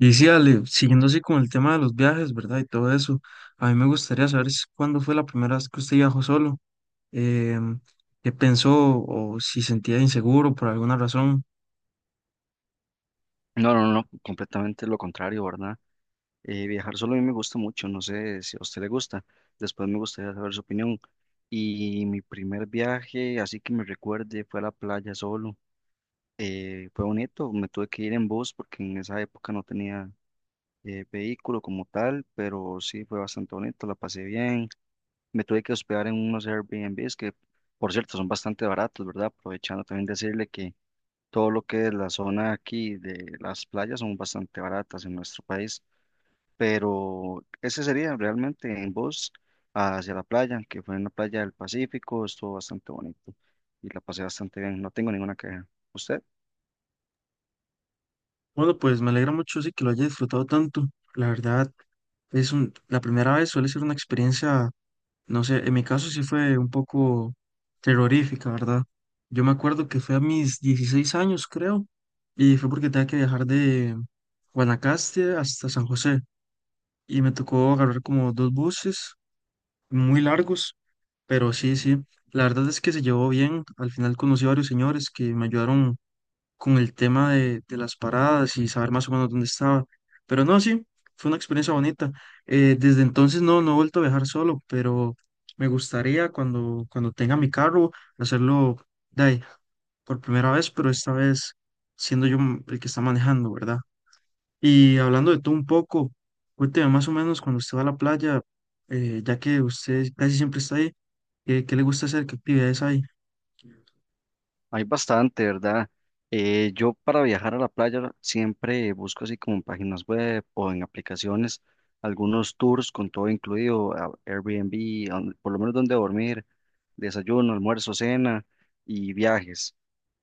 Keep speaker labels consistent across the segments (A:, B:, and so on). A: Y sí, Ale, siguiendo así con el tema de los viajes, ¿verdad? Y todo eso, a mí me gustaría saber cuándo fue la primera vez que usted viajó solo, em, qué pensó o si sentía inseguro por alguna razón.
B: No, no, no, completamente lo contrario, ¿verdad? Viajar solo a mí me gusta mucho, no sé si a usted le gusta. Después me gustaría saber su opinión. Y mi primer viaje, así que me recuerde, fue a la playa solo. Fue bonito, me tuve que ir en bus porque en esa época no tenía vehículo como tal, pero sí fue bastante bonito, la pasé bien. Me tuve que hospedar en unos Airbnbs que, por cierto, son bastante baratos, ¿verdad? Aprovechando también decirle que todo lo que es la zona aquí de las playas son bastante baratas en nuestro país, pero ese sería realmente en bus hacia la playa, que fue en la playa del Pacífico, estuvo bastante bonito y la pasé bastante bien, no tengo ninguna queja. ¿Usted?
A: Bueno, pues me alegra mucho sí que lo haya disfrutado tanto. La verdad, la primera vez suele ser una experiencia, no sé, en mi caso sí fue un poco terrorífica, ¿verdad? Yo me acuerdo que fue a mis 16 años, creo, y fue porque tenía que viajar de Guanacaste hasta San José. Y me tocó agarrar como dos buses muy largos, pero sí, la verdad es que se llevó bien. Al final conocí a varios señores que me ayudaron con el tema de las paradas y saber más o menos dónde estaba. Pero no, sí, fue una experiencia bonita. Desde entonces no, no he vuelto a viajar solo, pero me gustaría cuando tenga mi carro hacerlo de ahí, por primera vez, pero esta vez siendo yo el que está manejando, ¿verdad? Y hablando de todo un poco, cuénteme más o menos cuando usted va a la playa, ya que usted casi siempre está ahí, ¿ qué le gusta hacer? ¿Qué actividades hay?
B: Hay bastante, ¿verdad? Yo para viajar a la playa siempre busco así como en páginas web o en aplicaciones algunos tours con todo incluido, Airbnb, por lo menos donde dormir, desayuno, almuerzo, cena y viajes.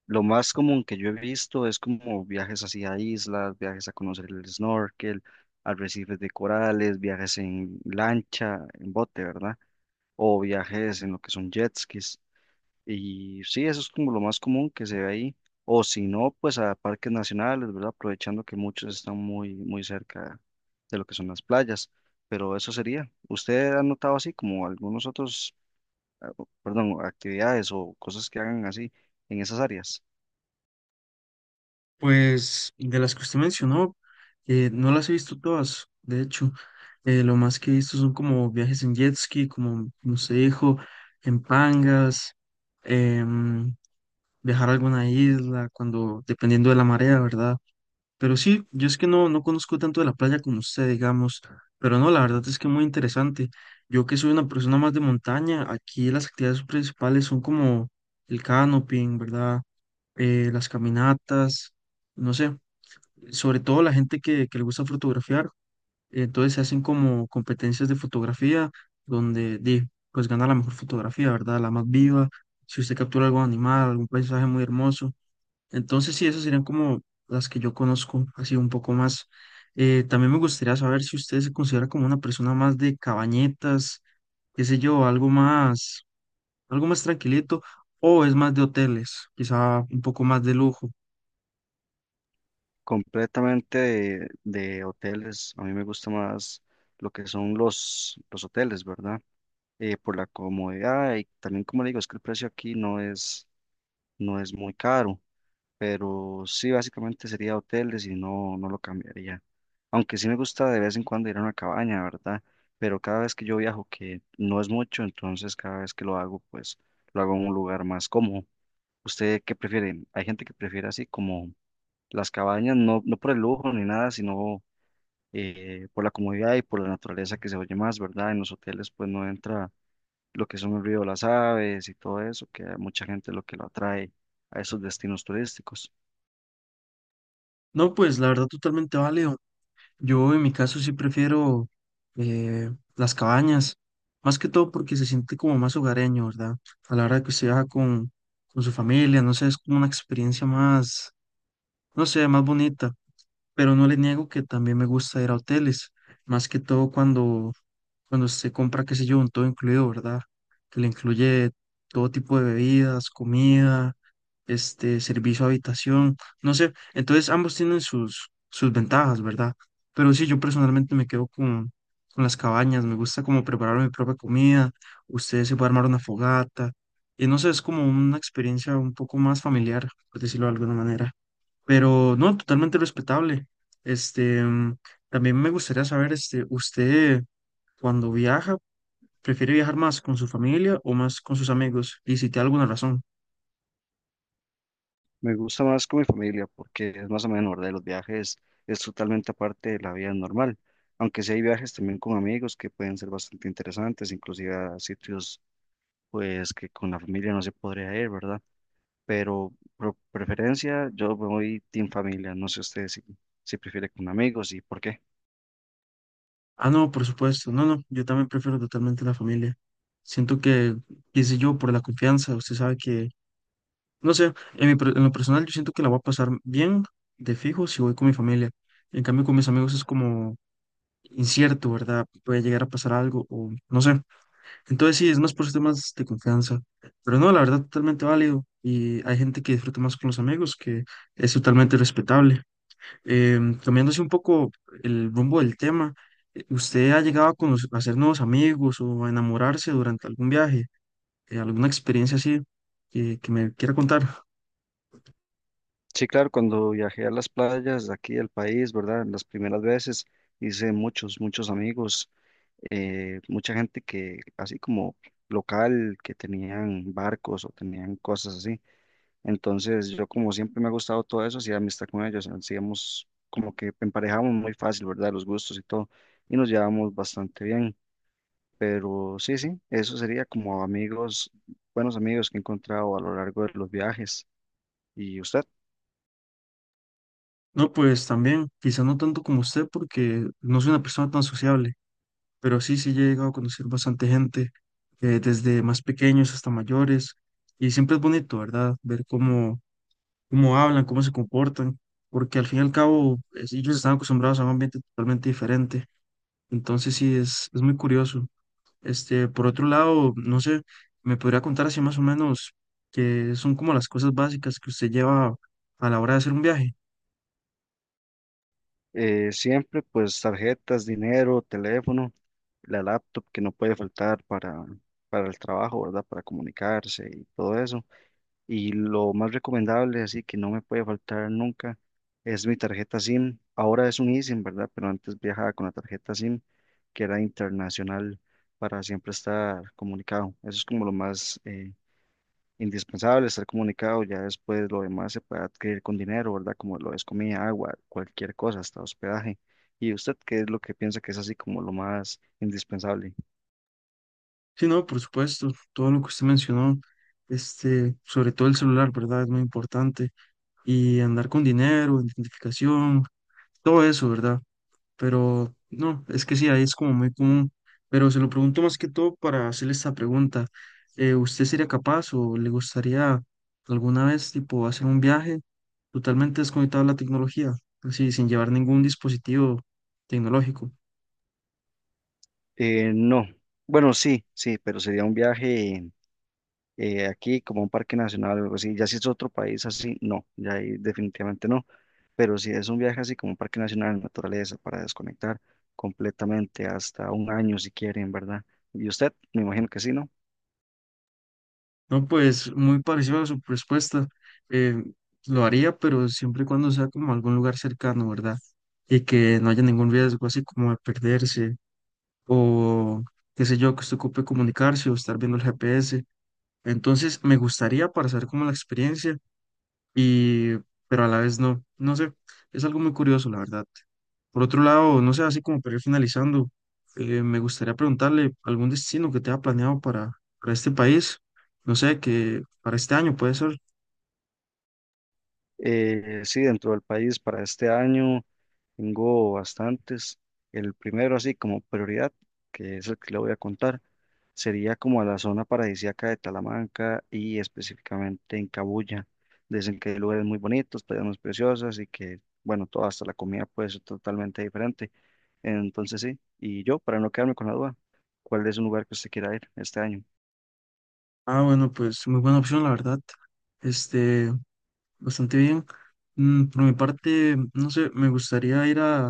B: Lo más común que yo he visto es como viajes hacia islas, viajes a conocer el snorkel, arrecifes de corales, viajes en lancha, en bote, ¿verdad? O viajes en lo que son jet skis. Y sí, eso es como lo más común que se ve ahí. O si no, pues a parques nacionales, ¿verdad? Aprovechando que muchos están muy, muy cerca de lo que son las playas. Pero eso sería. ¿Usted ha notado así como algunos otros, ah, perdón, actividades o cosas que hagan así en esas áreas?
A: Pues de las que usted mencionó, no las he visto todas, de hecho, lo más que he visto son como viajes en jet ski, como usted dijo, en pangas, em, viajar a alguna isla, cuando, dependiendo de la marea, ¿verdad? Pero sí, yo es que no, no conozco tanto de la playa como usted, digamos, pero no, la verdad es que muy interesante. Yo que soy una persona más de montaña, aquí las actividades principales son como el canoping, ¿verdad? Las caminatas, no sé, sobre todo la gente que le gusta fotografiar, entonces se hacen como competencias de fotografía donde di, pues gana la mejor fotografía, ¿verdad? La más viva, si usted captura algún animal, algún paisaje muy hermoso. Entonces, sí, esas serían como las que yo conozco, así un poco más. También me gustaría saber si usted se considera como una persona más de cabañetas, qué sé yo, algo más tranquilito, o es más de hoteles, quizá un poco más de lujo.
B: Completamente de hoteles. A mí me gusta más lo que son los hoteles, ¿verdad? Por la comodidad y también, como le digo, es que el precio aquí no es muy caro, pero sí, básicamente sería hoteles y no, no lo cambiaría. Aunque sí me gusta de vez en cuando ir a una cabaña, ¿verdad? Pero cada vez que yo viajo, que no es mucho, entonces cada vez que lo hago, pues lo hago en un lugar más cómodo. ¿Usted qué prefiere? Hay gente que prefiere así como las cabañas no, no por el lujo ni nada, sino por la comodidad y por la naturaleza que se oye más, ¿verdad? En los hoteles pues no entra lo que son el ruido de las aves y todo eso, que a mucha gente lo que lo atrae a esos destinos turísticos.
A: No, pues la verdad totalmente válido. Yo en mi caso sí prefiero eh, las cabañas, más que todo porque se siente como más hogareño, ¿verdad? A la hora de que usted viaja con su familia, no sé, es como una experiencia más, no sé, más bonita. Pero no le niego que también me gusta ir a hoteles, más que todo cuando se compra, qué sé yo, un todo incluido, ¿verdad? Que le incluye todo tipo de bebidas, comida, este, servicio a habitación, no sé, entonces ambos tienen sus ventajas, ¿verdad? Pero sí, yo personalmente me quedo con las cabañas, me gusta como preparar mi propia comida, ustedes se puede armar una fogata, y no sé, es como una experiencia un poco más familiar, por decirlo de alguna manera. Pero no, totalmente respetable. Este, también me gustaría saber, este, usted cuando viaja, ¿prefiere viajar más con su familia o más con sus amigos? Y si tiene alguna razón.
B: Me gusta más con mi familia porque es más o menos, ¿verdad? Y los viajes es totalmente aparte de la vida normal, aunque sí hay viajes también con amigos que pueden ser bastante interesantes, inclusive a sitios pues que con la familia no se podría ir, ¿verdad? Pero por preferencia yo me voy team familia, no sé usted si, si prefiere con amigos y por qué.
A: Ah, no, por supuesto. No, no, yo también prefiero totalmente la familia. Siento que, qué sé yo, por la confianza, usted sabe que, no sé, en lo personal yo siento que la voy a pasar bien de fijo si voy con mi familia. En cambio, con mis amigos es como incierto, ¿verdad? Puede llegar a pasar algo o no sé. Entonces sí, es más por temas de confianza. Pero no, la verdad, totalmente válido. Y hay gente que disfruta más con los amigos, que es totalmente respetable. Em, cambiándose un poco el rumbo del tema, ¿usted ha llegado a, a hacer nuevos amigos o a enamorarse durante algún viaje? ¿Alguna experiencia así que me quiera contar?
B: Sí, claro, cuando viajé a las playas de aquí del país, ¿verdad? Las primeras veces hice muchos, muchos amigos, mucha gente que, así como local, que tenían barcos o tenían cosas así. Entonces, yo como siempre me ha gustado todo eso, hacía amistad con ellos, hacíamos como que emparejamos muy fácil, ¿verdad? Los gustos y todo, y nos llevamos bastante bien. Pero sí, sí, eso sería como amigos, buenos amigos que he encontrado a lo largo de los viajes. ¿Y usted?
A: No, pues también, quizá no tanto como usted, porque no soy una persona tan sociable, pero sí he llegado a conocer bastante gente, desde más pequeños hasta mayores, y siempre es bonito, ¿verdad? Ver cómo hablan, cómo se comportan, porque al fin y al cabo ellos están acostumbrados a un ambiente totalmente diferente, entonces sí, es muy curioso. Este, por otro lado, no sé, me podría contar así más o menos que son como las cosas básicas que usted lleva a la hora de hacer un viaje.
B: Siempre pues tarjetas, dinero, teléfono, la laptop que no puede faltar para el trabajo, ¿verdad? Para comunicarse y todo eso. Y lo más recomendable, así que no me puede faltar nunca, es mi tarjeta SIM. Ahora es un eSIM, ¿verdad? Pero antes viajaba con la tarjeta SIM, que era internacional, para siempre estar comunicado. Eso es como lo más... indispensable estar comunicado, ya después lo demás se puede adquirir con dinero, ¿verdad? Como lo es comida, agua, cualquier cosa, hasta hospedaje. ¿Y usted qué es lo que piensa que es así como lo más indispensable?
A: Sí, no, por supuesto, todo lo que usted mencionó, este, sobre todo el celular, ¿verdad? Es muy importante y andar con dinero, identificación, todo eso, ¿verdad? Pero no, es que sí, ahí es como muy común. Pero se lo pregunto más que todo para hacerle esta pregunta. Eh, ¿usted sería capaz o le gustaría alguna vez, tipo, hacer un viaje totalmente desconectado de la tecnología, así, sin llevar ningún dispositivo tecnológico?
B: No, bueno, sí, sí, pero sería un viaje aquí como a un parque nacional o algo así. Ya si es otro país así, no, ya ahí definitivamente no. Pero si es un viaje así como un parque nacional, naturaleza, para desconectar completamente hasta un año si quieren, ¿verdad? Y usted, me imagino que sí, ¿no?
A: No, pues muy parecido a su respuesta. Eh, lo haría, pero siempre y cuando sea como algún lugar cercano, ¿verdad? Y que no haya ningún riesgo, así como de perderse o qué sé yo, que usted ocupe comunicarse o estar viendo el GPS. Entonces, me gustaría para saber cómo la experiencia y pero a la vez no, no sé, es algo muy curioso, la verdad. Por otro lado, no sé, así como para ir finalizando, me gustaría preguntarle algún destino que tenga planeado para este país, no sé, que para este año puede ser.
B: Sí, dentro del país para este año tengo bastantes. El primero, así como prioridad, que es el que le voy a contar, sería como a la zona paradisíaca de Talamanca y específicamente en Cabuya. Dicen que hay lugares muy bonitos, playas preciosas y que, bueno, todo hasta la comida puede ser totalmente diferente. Entonces sí, y yo, para no quedarme con la duda, ¿cuál es un lugar que usted quiera ir este año?
A: Ah, bueno, pues muy buena opción, la verdad. Este, bastante bien. Mm, por mi parte, no sé, me gustaría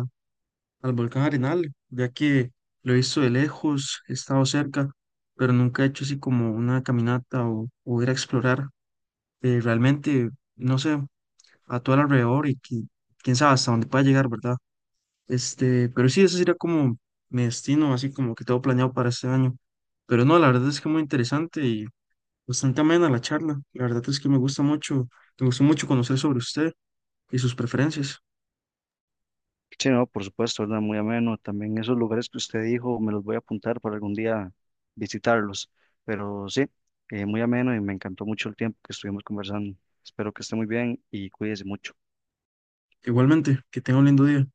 A: al volcán Arenal, ya que lo he visto de lejos, he estado cerca, pero nunca he hecho así como una caminata o ir a explorar. Eh, realmente, no sé, a todo el alrededor y quién sabe hasta dónde pueda llegar, ¿verdad? Este, pero sí, ese sería como mi destino, así como que tengo planeado para este año. Pero no, la verdad es que muy interesante y bastante amena la charla. La verdad es que me gusta mucho, me gustó mucho conocer sobre usted y sus preferencias.
B: Sí, no, por supuesto, ¿verdad? Muy ameno. También esos lugares que usted dijo, me los voy a apuntar para algún día visitarlos. Pero sí, muy ameno y me encantó mucho el tiempo que estuvimos conversando. Espero que esté muy bien y cuídese mucho.
A: Igualmente, que tenga un lindo día.